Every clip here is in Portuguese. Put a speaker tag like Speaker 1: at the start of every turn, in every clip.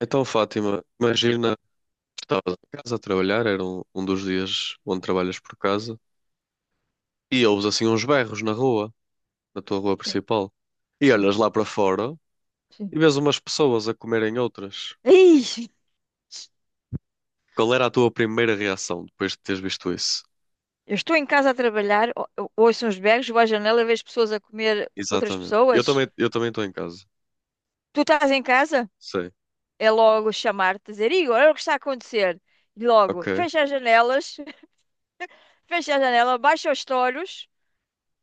Speaker 1: Então, Fátima, imagina que estavas em casa a trabalhar, era um dos dias onde trabalhas por casa, e ouves assim uns berros na rua, na tua rua
Speaker 2: Sim,
Speaker 1: principal, e
Speaker 2: sim,
Speaker 1: olhas lá para fora
Speaker 2: sim.
Speaker 1: e vês umas pessoas a comerem outras.
Speaker 2: Ih,
Speaker 1: Qual era a tua primeira reação depois de teres visto isso?
Speaker 2: eu estou em casa a trabalhar, eu ouço uns berros, vou à janela, vejo pessoas a comer outras
Speaker 1: Exatamente. Eu
Speaker 2: pessoas.
Speaker 1: também, eu também estou em casa.
Speaker 2: Tu estás em casa?
Speaker 1: Sim.
Speaker 2: É logo chamar-te, dizer, Igor, olha o que está a acontecer. E logo,
Speaker 1: Ok.
Speaker 2: fecha as janelas, fecha a janela, baixa os toros,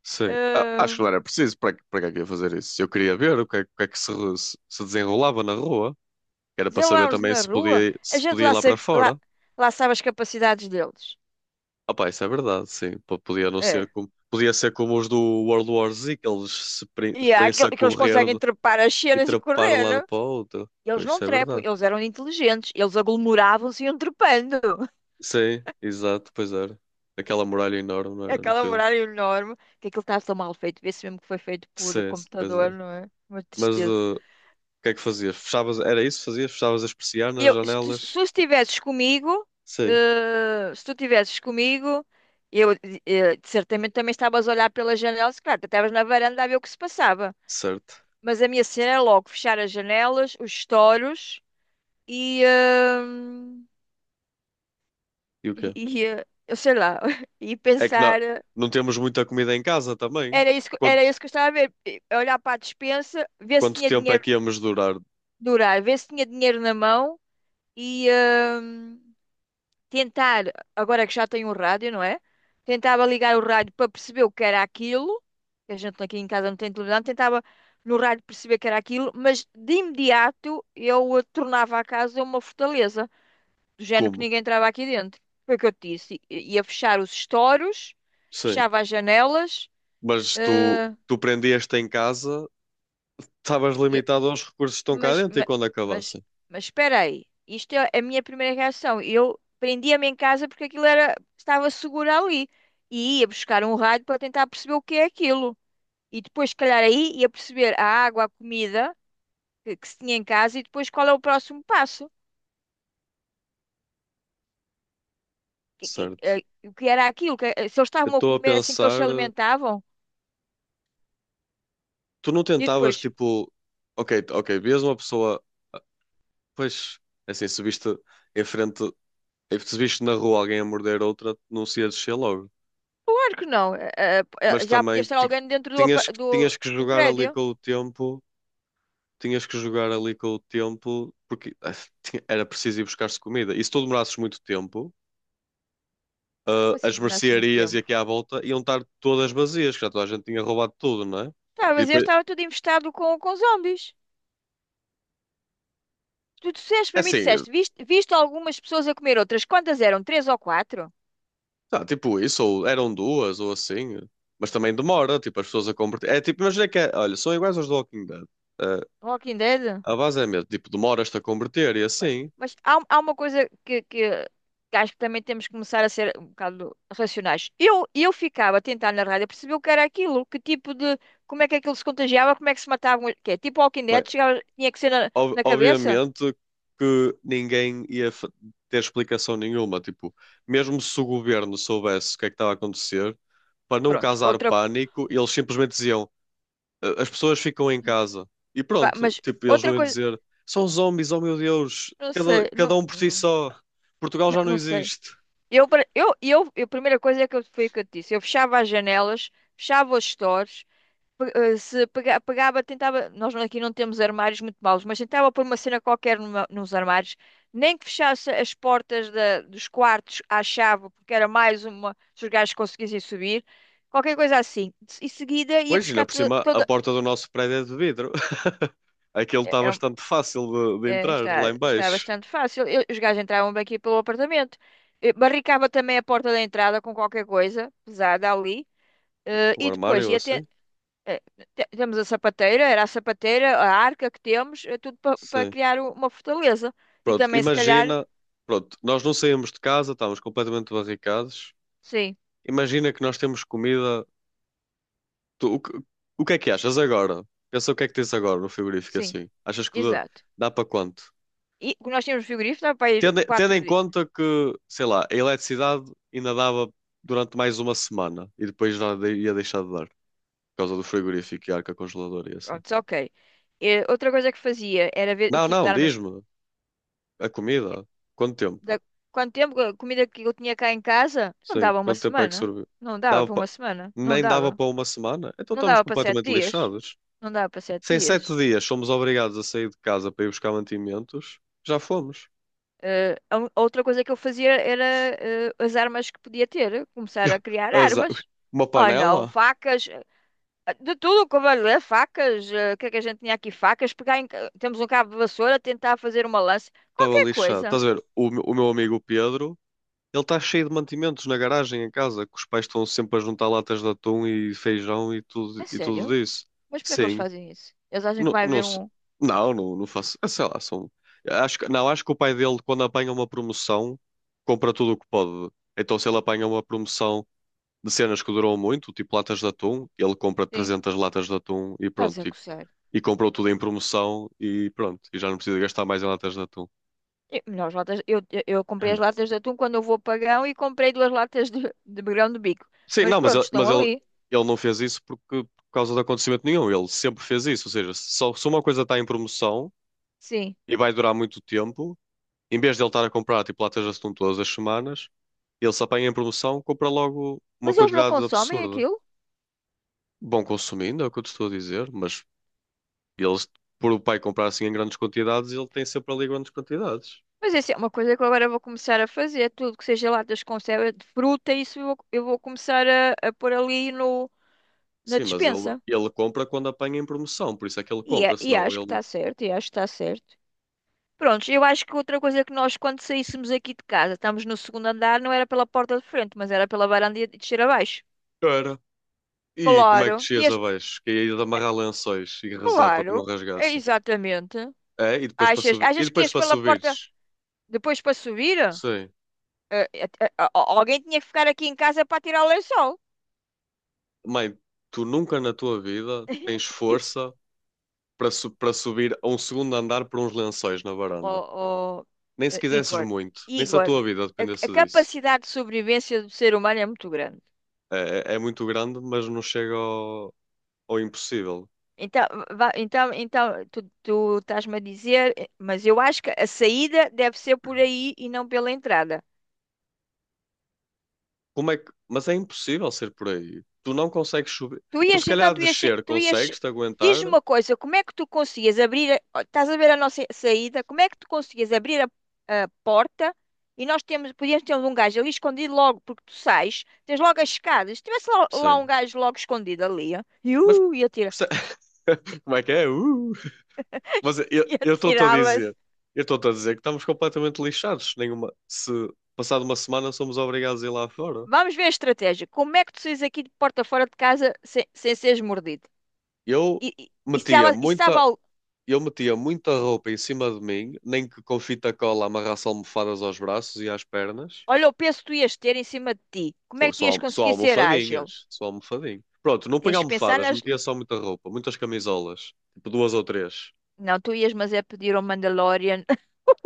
Speaker 1: Sim. Ah, acho
Speaker 2: uh,
Speaker 1: que não era preciso. Para, para que é que ia fazer isso? Eu queria ver o que é que se, se desenrolava na rua. Era para saber
Speaker 2: nos
Speaker 1: também
Speaker 2: na rua. A
Speaker 1: se
Speaker 2: gente
Speaker 1: podia ir
Speaker 2: lá
Speaker 1: lá para
Speaker 2: sabe, lá,
Speaker 1: fora.
Speaker 2: lá sabe as capacidades deles.
Speaker 1: Ah pá, isso é verdade, sim. Podia não ser
Speaker 2: É.
Speaker 1: como... Podia ser como os do World War Z, que eles se
Speaker 2: E há
Speaker 1: põem-se
Speaker 2: aquele
Speaker 1: a
Speaker 2: que eles
Speaker 1: correr
Speaker 2: conseguem trepar as
Speaker 1: e
Speaker 2: cenas e
Speaker 1: trepar de um
Speaker 2: correr,
Speaker 1: lado
Speaker 2: né?
Speaker 1: para o outro.
Speaker 2: Eles
Speaker 1: Pois,
Speaker 2: não
Speaker 1: isso é
Speaker 2: trepam,
Speaker 1: verdade.
Speaker 2: eles eram inteligentes, eles aglomeravam-se e iam trepando.
Speaker 1: Sim, exato, pois era. Aquela muralha enorme, não
Speaker 2: É
Speaker 1: era, no
Speaker 2: aquela
Speaker 1: filme?
Speaker 2: muralha enorme, que aquilo está tão mal feito, vê-se mesmo que foi feito por
Speaker 1: Sim, sim, pois
Speaker 2: computador,
Speaker 1: é.
Speaker 2: não é? Uma
Speaker 1: Mas
Speaker 2: tristeza.
Speaker 1: o que é que fazias? Fechavas... Era isso que fazias? Fechavas as persianas,
Speaker 2: Eu, se tu, se
Speaker 1: janelas?
Speaker 2: tu estivesses comigo,
Speaker 1: Sim,
Speaker 2: eh, se tu estivesses comigo, eu, certamente também estavas a olhar pela janela, se calhar, até estavas na varanda a ver o que se passava.
Speaker 1: certo.
Speaker 2: Mas a minha cena era logo fechar as janelas, os estouros e, eh,
Speaker 1: E o quê?
Speaker 2: e eu sei lá, e
Speaker 1: É que não,
Speaker 2: pensar.
Speaker 1: não temos muita comida em casa também.
Speaker 2: Era isso,
Speaker 1: Quanto,
Speaker 2: era isso que eu estava a ver. Olhar para a despensa, ver se
Speaker 1: quanto
Speaker 2: tinha
Speaker 1: tempo é
Speaker 2: dinheiro
Speaker 1: que íamos durar?
Speaker 2: durar, ver se tinha dinheiro na mão e hum, tentar, agora que já tenho um rádio, não é? Tentava ligar o rádio para perceber o que era aquilo, que a gente aqui em casa não tem televisão, tentava no rádio perceber o que era aquilo, mas de imediato eu tornava a casa uma fortaleza, do género que
Speaker 1: Como?
Speaker 2: ninguém entrava aqui dentro. Foi o que eu te disse. Ia fechar os estores,
Speaker 1: Sim.
Speaker 2: fechava as janelas,
Speaker 1: Mas tu,
Speaker 2: eh,
Speaker 1: tu prendias-te em casa, estavas limitado aos recursos que estão cá
Speaker 2: Mas,
Speaker 1: dentro e
Speaker 2: ma-
Speaker 1: quando
Speaker 2: mas,
Speaker 1: acabassem,
Speaker 2: mas espera aí. Isto é a minha primeira reação. Eu prendia-me em casa porque aquilo era, estava seguro ali. E ia buscar um rádio para tentar perceber o que é aquilo. E depois, se calhar, aí ia perceber a água, a comida que se tinha em casa e depois qual é o próximo passo. Que- que-
Speaker 1: certo?
Speaker 2: eh, O que era aquilo? Se eles
Speaker 1: Eu
Speaker 2: estavam a
Speaker 1: estou a
Speaker 2: comer assim que eles se
Speaker 1: pensar,
Speaker 2: alimentavam?
Speaker 1: tu não
Speaker 2: E
Speaker 1: tentavas
Speaker 2: depois,
Speaker 1: tipo, ok, ok, vias uma pessoa, pois, é assim, se viste em frente, se viste na rua alguém a morder outra, não se ia descer logo.
Speaker 2: claro que não.
Speaker 1: Mas
Speaker 2: Já podia
Speaker 1: também
Speaker 2: estar alguém dentro do,
Speaker 1: tinhas,
Speaker 2: do,
Speaker 1: tinhas que
Speaker 2: do
Speaker 1: jogar ali
Speaker 2: prédio.
Speaker 1: com o tempo, tinhas que jogar ali com o tempo, porque ah, era preciso ir buscar-se comida. E se tu demorasses muito tempo.
Speaker 2: Como assim
Speaker 1: As
Speaker 2: do muito
Speaker 1: mercearias e
Speaker 2: tempo?
Speaker 1: aqui à volta iam estar todas vazias, que já toda a gente tinha roubado tudo, não é?
Speaker 2: Tá,
Speaker 1: E
Speaker 2: mas eu
Speaker 1: depois,
Speaker 2: estava tudo infestado com zombies. Tu disseste
Speaker 1: é
Speaker 2: para mim,
Speaker 1: assim,
Speaker 2: disseste, viste, viste algumas pessoas a comer outras? Quantas eram? Três ou quatro?
Speaker 1: tá, tipo isso, ou eram duas, ou assim, mas também demora, tipo, as pessoas a converter. É tipo, imagina que é, olha, são iguais aos do Walking Dead. Ah,
Speaker 2: Walking Dead?
Speaker 1: a base é mesmo, tipo, demoras-te a converter e
Speaker 2: Mas,
Speaker 1: assim.
Speaker 2: mas há, uma coisa que acho que também temos que começar a ser um bocado racionais. Eu ficava a tentar na rádio perceber o que era aquilo, que tipo de, como é que aquilo se contagiava, como é que se matavam, que é tipo Walking Dead,
Speaker 1: Bem,
Speaker 2: chegava, tinha que ser na, na cabeça.
Speaker 1: obviamente que ninguém ia ter explicação nenhuma, tipo, mesmo se o governo soubesse o que é que estava a acontecer, para não
Speaker 2: Prontos,
Speaker 1: causar
Speaker 2: outra,
Speaker 1: pânico, eles simplesmente diziam. As pessoas ficam em casa e
Speaker 2: pá, mas
Speaker 1: pronto, tipo, eles não
Speaker 2: outra
Speaker 1: iam
Speaker 2: coisa,
Speaker 1: dizer são zombies, oh meu Deus,
Speaker 2: não
Speaker 1: cada,
Speaker 2: sei,
Speaker 1: cada um por si só, Portugal já não
Speaker 2: não sei.
Speaker 1: existe.
Speaker 2: Eu, pra- eu- A primeira coisa é que eu, foi o que eu te disse. Eu fechava as janelas, fechava os stores, pe- eh, se pega- pegava, tentava. Nós aqui não temos armários muito maus, mas tentava pôr uma cena qualquer nos armários, nem que fechasse as portas dos quartos à chave, porque era mais uma, se os gajos conseguissem subir, qualquer coisa assim. Em seguida ia
Speaker 1: Pois, ainda
Speaker 2: buscar
Speaker 1: por
Speaker 2: toda.
Speaker 1: cima, a porta do nosso prédio é de vidro. Aquilo
Speaker 2: É-
Speaker 1: está
Speaker 2: é- um,
Speaker 1: bastante fácil de entrar
Speaker 2: Está,
Speaker 1: lá em
Speaker 2: está
Speaker 1: baixo.
Speaker 2: bastante fácil. Os gajos entravam bem aqui pelo apartamento. Barricava também a porta da entrada com qualquer coisa pesada ali.
Speaker 1: Com o
Speaker 2: E depois,
Speaker 1: armário
Speaker 2: e até,
Speaker 1: assim?
Speaker 2: eh, temos a sapateira, era a sapateira, a arca que temos, é tudo para
Speaker 1: Sim.
Speaker 2: criar uma fortaleza. E
Speaker 1: Pronto,
Speaker 2: também, se calhar,
Speaker 1: imagina. Pronto, nós não saímos de casa, estávamos completamente barricados.
Speaker 2: sim,
Speaker 1: Imagina que nós temos comida. Tu- o, que, o que é que achas agora? Pensa o que é que tens agora no frigorífico
Speaker 2: sim,
Speaker 1: assim. Achas que dá,
Speaker 2: exato.
Speaker 1: dá para quanto?
Speaker 2: E o que nós tínhamos frigorífico, dava para ir
Speaker 1: Tendo
Speaker 2: quatro
Speaker 1: em
Speaker 2: dias.
Speaker 1: conta que, sei lá, a eletricidade ainda dava durante mais uma semana e depois já ia deixar de dar, por causa do frigorífico e arca congeladora e assim.
Speaker 2: Pronto, ok. Outra coisa que fazia era ver o
Speaker 1: Não,
Speaker 2: tipo de
Speaker 1: não,
Speaker 2: armas.
Speaker 1: diz-me, a comida, quanto tempo?
Speaker 2: Da, Quanto tempo a comida que eu tinha cá em casa? Não
Speaker 1: Sim,
Speaker 2: dava uma
Speaker 1: quanto tempo é que
Speaker 2: semana.
Speaker 1: serviu?
Speaker 2: Não dava
Speaker 1: Dava
Speaker 2: para
Speaker 1: pa-
Speaker 2: uma semana. Não
Speaker 1: Nem dava
Speaker 2: dava.
Speaker 1: para uma semana? Então
Speaker 2: Não
Speaker 1: estamos
Speaker 2: dava para sete
Speaker 1: completamente
Speaker 2: dias.
Speaker 1: lixados.
Speaker 2: Não dava para sete
Speaker 1: Se em sete
Speaker 2: dias.
Speaker 1: dias somos obrigados a sair de casa para ir buscar mantimentos, já fomos.
Speaker 2: A outra coisa que eu fazia era as armas que podia ter, começar a criar
Speaker 1: Azar.
Speaker 2: armas.
Speaker 1: Uma
Speaker 2: Oh não,
Speaker 1: panela?
Speaker 2: facas, de tudo, cavaleiro, facas, o que é que a gente tinha aqui? Facas, pegar em, temos um cabo de vassoura, tentar fazer uma lança,
Speaker 1: Estava
Speaker 2: qualquer
Speaker 1: lixado.
Speaker 2: coisa.
Speaker 1: Estás a ver, o meu amigo Pedro. Ele está cheio de mantimentos na garagem em casa, que os pais estão sempre a juntar latas de atum e feijão
Speaker 2: É
Speaker 1: e tudo
Speaker 2: sério?
Speaker 1: isso.
Speaker 2: Mas porquê é que eles
Speaker 1: Sim.
Speaker 2: fazem isso? Eles acham que
Speaker 1: Não,
Speaker 2: vai
Speaker 1: não,
Speaker 2: haver um.
Speaker 1: não, não, não faço. Sei lá, são. Acho, não, acho que o pai dele, quando apanha uma promoção, compra tudo o que pode. Então, se ele apanha uma promoção de cenas que duram muito, tipo latas de atum, ele compra
Speaker 2: Sim,
Speaker 1: 300 latas de atum e
Speaker 2: estás a
Speaker 1: pronto. E,
Speaker 2: coçar.
Speaker 1: e comprou tudo em promoção e pronto. E já não precisa gastar mais em latas de atum.
Speaker 2: Nós latas, eu comprei as latas de atum quando eu vou a Pagão e comprei duas latas de grão de bico.
Speaker 1: Sim,
Speaker 2: Mas
Speaker 1: não,
Speaker 2: pronto, estão ali.
Speaker 1: ele não fez isso porque, por causa de acontecimento nenhum. Ele sempre fez isso. Ou seja, se uma coisa está em promoção
Speaker 2: Sim.
Speaker 1: e vai durar muito tempo, em vez de ele estar a comprar tipo latas de atum todas as semanas, ele se apanha em promoção, compra logo uma
Speaker 2: Mas eles não
Speaker 1: quantidade
Speaker 2: consomem
Speaker 1: absurda.
Speaker 2: aquilo?
Speaker 1: Bom consumindo, é o que eu te estou a dizer, mas eles, por o pai comprar assim em grandes quantidades, ele tem sempre ali grandes quantidades.
Speaker 2: Mas isso é uma coisa que eu agora vou começar a fazer. É tudo que seja latas com conserva de fruta, isso eu vou começar a pôr ali no, na
Speaker 1: Sim,
Speaker 2: despensa.
Speaker 1: ele compra quando apanha em promoção, por isso é que ele compra,
Speaker 2: E
Speaker 1: senão
Speaker 2: acho que
Speaker 1: ele.
Speaker 2: está certo, e acho que está certo. Pronto, eu acho que outra coisa que nós, quando saíssemos aqui de casa, estamos no segundo andar, não era pela porta de frente, mas era pela varanda e descer abaixo.
Speaker 1: E como é que
Speaker 2: Claro,
Speaker 1: descias
Speaker 2: ias,
Speaker 1: abaixo? Que ia de amarrar lençóis e rezar para que
Speaker 2: claro,
Speaker 1: não
Speaker 2: é
Speaker 1: rasgassem.
Speaker 2: exatamente.
Speaker 1: É, e depois para
Speaker 2: Achas,
Speaker 1: subir. E
Speaker 2: achas que
Speaker 1: depois
Speaker 2: ias
Speaker 1: para
Speaker 2: pela porta
Speaker 1: subires.
Speaker 2: depois para subir?
Speaker 1: Sim.
Speaker 2: Eh, eh, eh, Alguém tinha que ficar aqui em casa para tirar o lençol.
Speaker 1: Mãe, tu nunca na tua vida tens força para, para subir a um segundo andar por uns lençóis na
Speaker 2: ó-
Speaker 1: varanda.
Speaker 2: ó,
Speaker 1: Nem se quisesses
Speaker 2: Igor,
Speaker 1: muito. Nem se a
Speaker 2: Igor,
Speaker 1: tua vida
Speaker 2: a
Speaker 1: dependesse disso.
Speaker 2: capacidade de sobrevivência do ser humano é muito grande.
Speaker 1: É muito grande, mas não chega ao, impossível.
Speaker 2: Então, então tu, estás-me a dizer, mas eu acho que a saída deve ser por aí e não pela entrada.
Speaker 1: Como é que. Mas é impossível ser por aí. Tu não consegues subir.
Speaker 2: Tu
Speaker 1: Tu se
Speaker 2: ias, então,
Speaker 1: calhar descer
Speaker 2: tu ias,
Speaker 1: consegues-te
Speaker 2: Diz-me
Speaker 1: aguentar.
Speaker 2: uma coisa, como é que tu conseguias abrir, estás a ver a nossa saída, como é que tu conseguias abrir a porta e nós temos, podíamos ter um gajo ali escondido logo, porque tu sais, tens logo as escadas, se tivesse lá, lá um
Speaker 1: Sim.
Speaker 2: gajo logo escondido ali, ó,
Speaker 1: Mas
Speaker 2: e atira,
Speaker 1: perce- como é que é? Mas eu
Speaker 2: e
Speaker 1: eu estou-te a
Speaker 2: atirava-se.
Speaker 1: dizer, eu estou-te a dizer que estamos completamente lixados. Nenhuma, se passado uma semana somos obrigados a ir lá fora.
Speaker 2: Vamos ver a estratégia, como é que tu saís aqui de porta fora de casa sem, sem seres mordido?
Speaker 1: Eu
Speaker 2: E, e,
Speaker 1: metia
Speaker 2: e sabe
Speaker 1: muita, eu metia muita roupa em cima de mim, nem que com fita cola amarrasse almofadas aos braços e às pernas.
Speaker 2: olha o peso que tu ias ter em cima de ti, como é
Speaker 1: Pô,
Speaker 2: que tu
Speaker 1: só,
Speaker 2: ias
Speaker 1: só
Speaker 2: conseguir ser ágil?
Speaker 1: almofadinhas, só almofadinho. Pronto, não punha
Speaker 2: Tens que pensar
Speaker 1: almofadas,
Speaker 2: nas.
Speaker 1: metia só muita roupa, muitas camisolas, tipo duas ou três.
Speaker 2: Não, tu ias-mas é pedir ao Mandalorian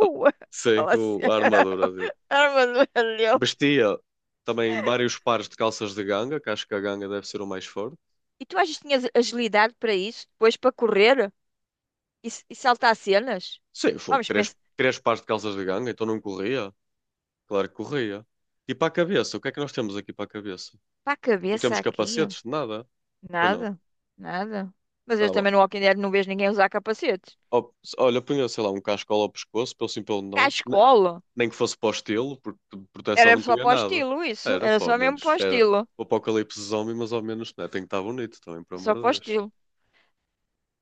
Speaker 1: Oh, sim,
Speaker 2: aquela cena,
Speaker 1: a armadura.
Speaker 2: a armadura dele.
Speaker 1: Vestia também vários pares de calças de ganga, que acho que a ganga deve ser o mais forte.
Speaker 2: E tu achas que tinhas agilidade para isso? Depois para correr e saltar cenas?
Speaker 1: Sim, foi
Speaker 2: Vamos
Speaker 1: três,
Speaker 2: pensar.
Speaker 1: três pares de calças de ganga, então não corria? Claro que corria. E para a cabeça, o que é que nós temos aqui para a cabeça?
Speaker 2: Para a
Speaker 1: Não
Speaker 2: cabeça
Speaker 1: temos
Speaker 2: aqui?
Speaker 1: capacetes, nada? Pois não.
Speaker 2: Nada. Nada. Mas eu
Speaker 1: Tá bom.
Speaker 2: também no Walking Dead não vejo ninguém usar capacetes.
Speaker 1: Ó, Olha, punha, sei lá, um cascola ao pescoço, pelo sim, pelo
Speaker 2: Cá à
Speaker 1: não.
Speaker 2: escola.
Speaker 1: Nem que fosse para o estilo, porque de proteção
Speaker 2: Era
Speaker 1: não
Speaker 2: só
Speaker 1: tinha
Speaker 2: para o
Speaker 1: nada.
Speaker 2: estilo isso.
Speaker 1: Era,
Speaker 2: Era
Speaker 1: pô,
Speaker 2: só
Speaker 1: ao
Speaker 2: mesmo para
Speaker 1: menos,
Speaker 2: o
Speaker 1: era
Speaker 2: estilo.
Speaker 1: o apocalipse zombie, mas ao menos, né, tem que estar bonito também, por amor
Speaker 2: Só para o
Speaker 1: de Deus.
Speaker 2: estilo.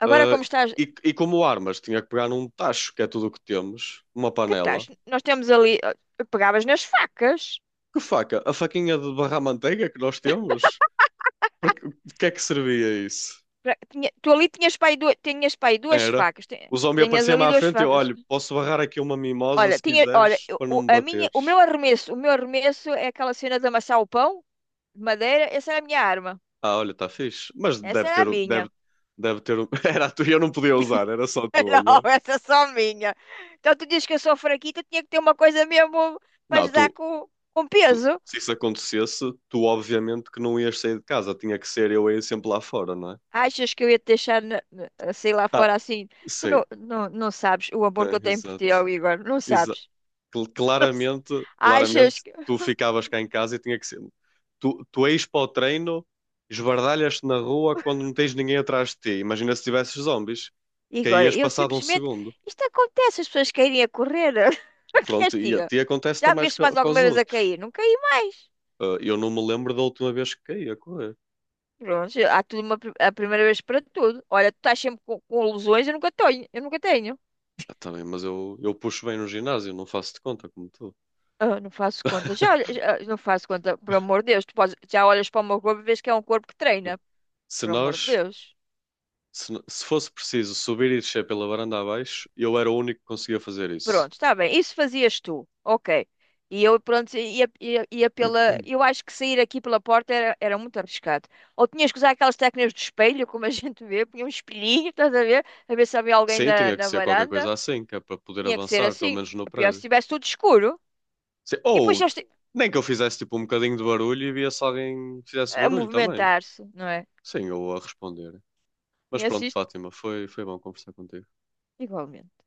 Speaker 2: Agora
Speaker 1: Uh,
Speaker 2: como estás...
Speaker 1: e como armas, tinha que pegar num tacho, que é tudo o que temos, uma
Speaker 2: Que estás?
Speaker 1: panela.
Speaker 2: Nós temos ali... Pegavas nas facas.
Speaker 1: Que faca? A faquinha de barrar manteiga que nós temos? Para que, de que é que servia isso?
Speaker 2: Pra- tinha- tu ali tinhas para aí duas, Tinhas para aí duas
Speaker 1: Era.
Speaker 2: facas.
Speaker 1: O zombie
Speaker 2: Tinhas
Speaker 1: aparecia-me
Speaker 2: ali
Speaker 1: à
Speaker 2: duas
Speaker 1: frente e eu,
Speaker 2: facas.
Speaker 1: olha, posso barrar aqui uma mimosa
Speaker 2: Olha,
Speaker 1: se
Speaker 2: tinha, olha,
Speaker 1: quiseres, para não me bateres.
Speaker 2: o meu arremesso é aquela cena de amassar o pão de madeira. Essa era a minha arma.
Speaker 1: Ah, olha, está fixe. Mas
Speaker 2: Essa
Speaker 1: deve
Speaker 2: era a
Speaker 1: ter, deve,
Speaker 2: minha.
Speaker 1: deve ter. Era a tua, eu não podia usar, era só a tua, não
Speaker 2: Não,
Speaker 1: é?
Speaker 2: essa é só minha. Então tu dizes que eu sou fraquita, tinha que ter uma coisa mesmo para
Speaker 1: Não,
Speaker 2: lhes dar
Speaker 1: tu,
Speaker 2: com
Speaker 1: tu,
Speaker 2: peso.
Speaker 1: se isso acontecesse, tu obviamente que não ias sair de casa, tinha que ser eu a ir sempre lá fora, não é?
Speaker 2: Achas que eu ia te deixar, sei lá
Speaker 1: Ah,
Speaker 2: fora assim? Tu
Speaker 1: sim.
Speaker 2: não, não sabes o amor que eu
Speaker 1: É,
Speaker 2: tenho por ti,
Speaker 1: exato.
Speaker 2: ó, Igor. Não
Speaker 1: Exa-
Speaker 2: sabes. Não sa-
Speaker 1: Claramente,
Speaker 2: Achas.
Speaker 1: claramente, tu ficavas cá em casa e tinha que ser. Tu és para o treino, esbardalhas-te na rua quando não tens ninguém atrás de ti. Imagina se tivesses zombies,
Speaker 2: E agora,
Speaker 1: caías
Speaker 2: eu
Speaker 1: passado um
Speaker 2: simplesmente.
Speaker 1: segundo.
Speaker 2: Isto acontece, as pessoas querem a correr. O que és.
Speaker 1: Pronto, e a ti acontece
Speaker 2: Já me
Speaker 1: também
Speaker 2: viste mais
Speaker 1: com,
Speaker 2: alguma
Speaker 1: os
Speaker 2: vez a
Speaker 1: outros.
Speaker 2: cair? Não caí mais.
Speaker 1: Ah, eu não me lembro da última vez que caí a correr.
Speaker 2: Pronto, há tudo uma, a primeira vez para tudo. Olha, tu estás sempre com lesões, eu nunca tenho. Eu nunca tenho.
Speaker 1: Ah, tá bem, mas eu puxo bem no ginásio, não faço de conta como tu.
Speaker 2: Ah, não faço conta. Já, olha- já- ah, Não faço conta, por amor de Deus. Já olhas para o meu corpo e vês que é um corpo que
Speaker 1: Bem,
Speaker 2: treina.
Speaker 1: se
Speaker 2: Por amor de
Speaker 1: nós,
Speaker 2: Deus.
Speaker 1: se fosse preciso subir e descer pela varanda abaixo, eu era o único que conseguia fazer isso.
Speaker 2: Pronto, está bem. Isso fazias tu. Ok. E eu, pronto, ia pela. Eu acho que sair aqui pela porta era, era muito arriscado. Ou tinhas que usar aquelas técnicas do espelho, como a gente vê, punha um espelhinho, estás a ver? A ver se havia alguém
Speaker 1: Sim,
Speaker 2: na,
Speaker 1: tinha que
Speaker 2: na
Speaker 1: ser qualquer
Speaker 2: varanda.
Speaker 1: coisa assim, que é para poder
Speaker 2: Tinha que ser
Speaker 1: avançar, pelo
Speaker 2: assim.
Speaker 1: menos no
Speaker 2: Pior é se
Speaker 1: prédio.
Speaker 2: estivesse tudo escuro.
Speaker 1: Sim.
Speaker 2: E depois
Speaker 1: Ou
Speaker 2: eles
Speaker 1: nem que eu fizesse tipo um bocadinho de barulho e via se alguém fizesse
Speaker 2: a
Speaker 1: barulho também.
Speaker 2: movimentar-se, não é?
Speaker 1: Sim, eu a responder. Mas
Speaker 2: Conheces
Speaker 1: pronto,
Speaker 2: isto?
Speaker 1: Fátima, foi bom conversar contigo.
Speaker 2: Igualmente.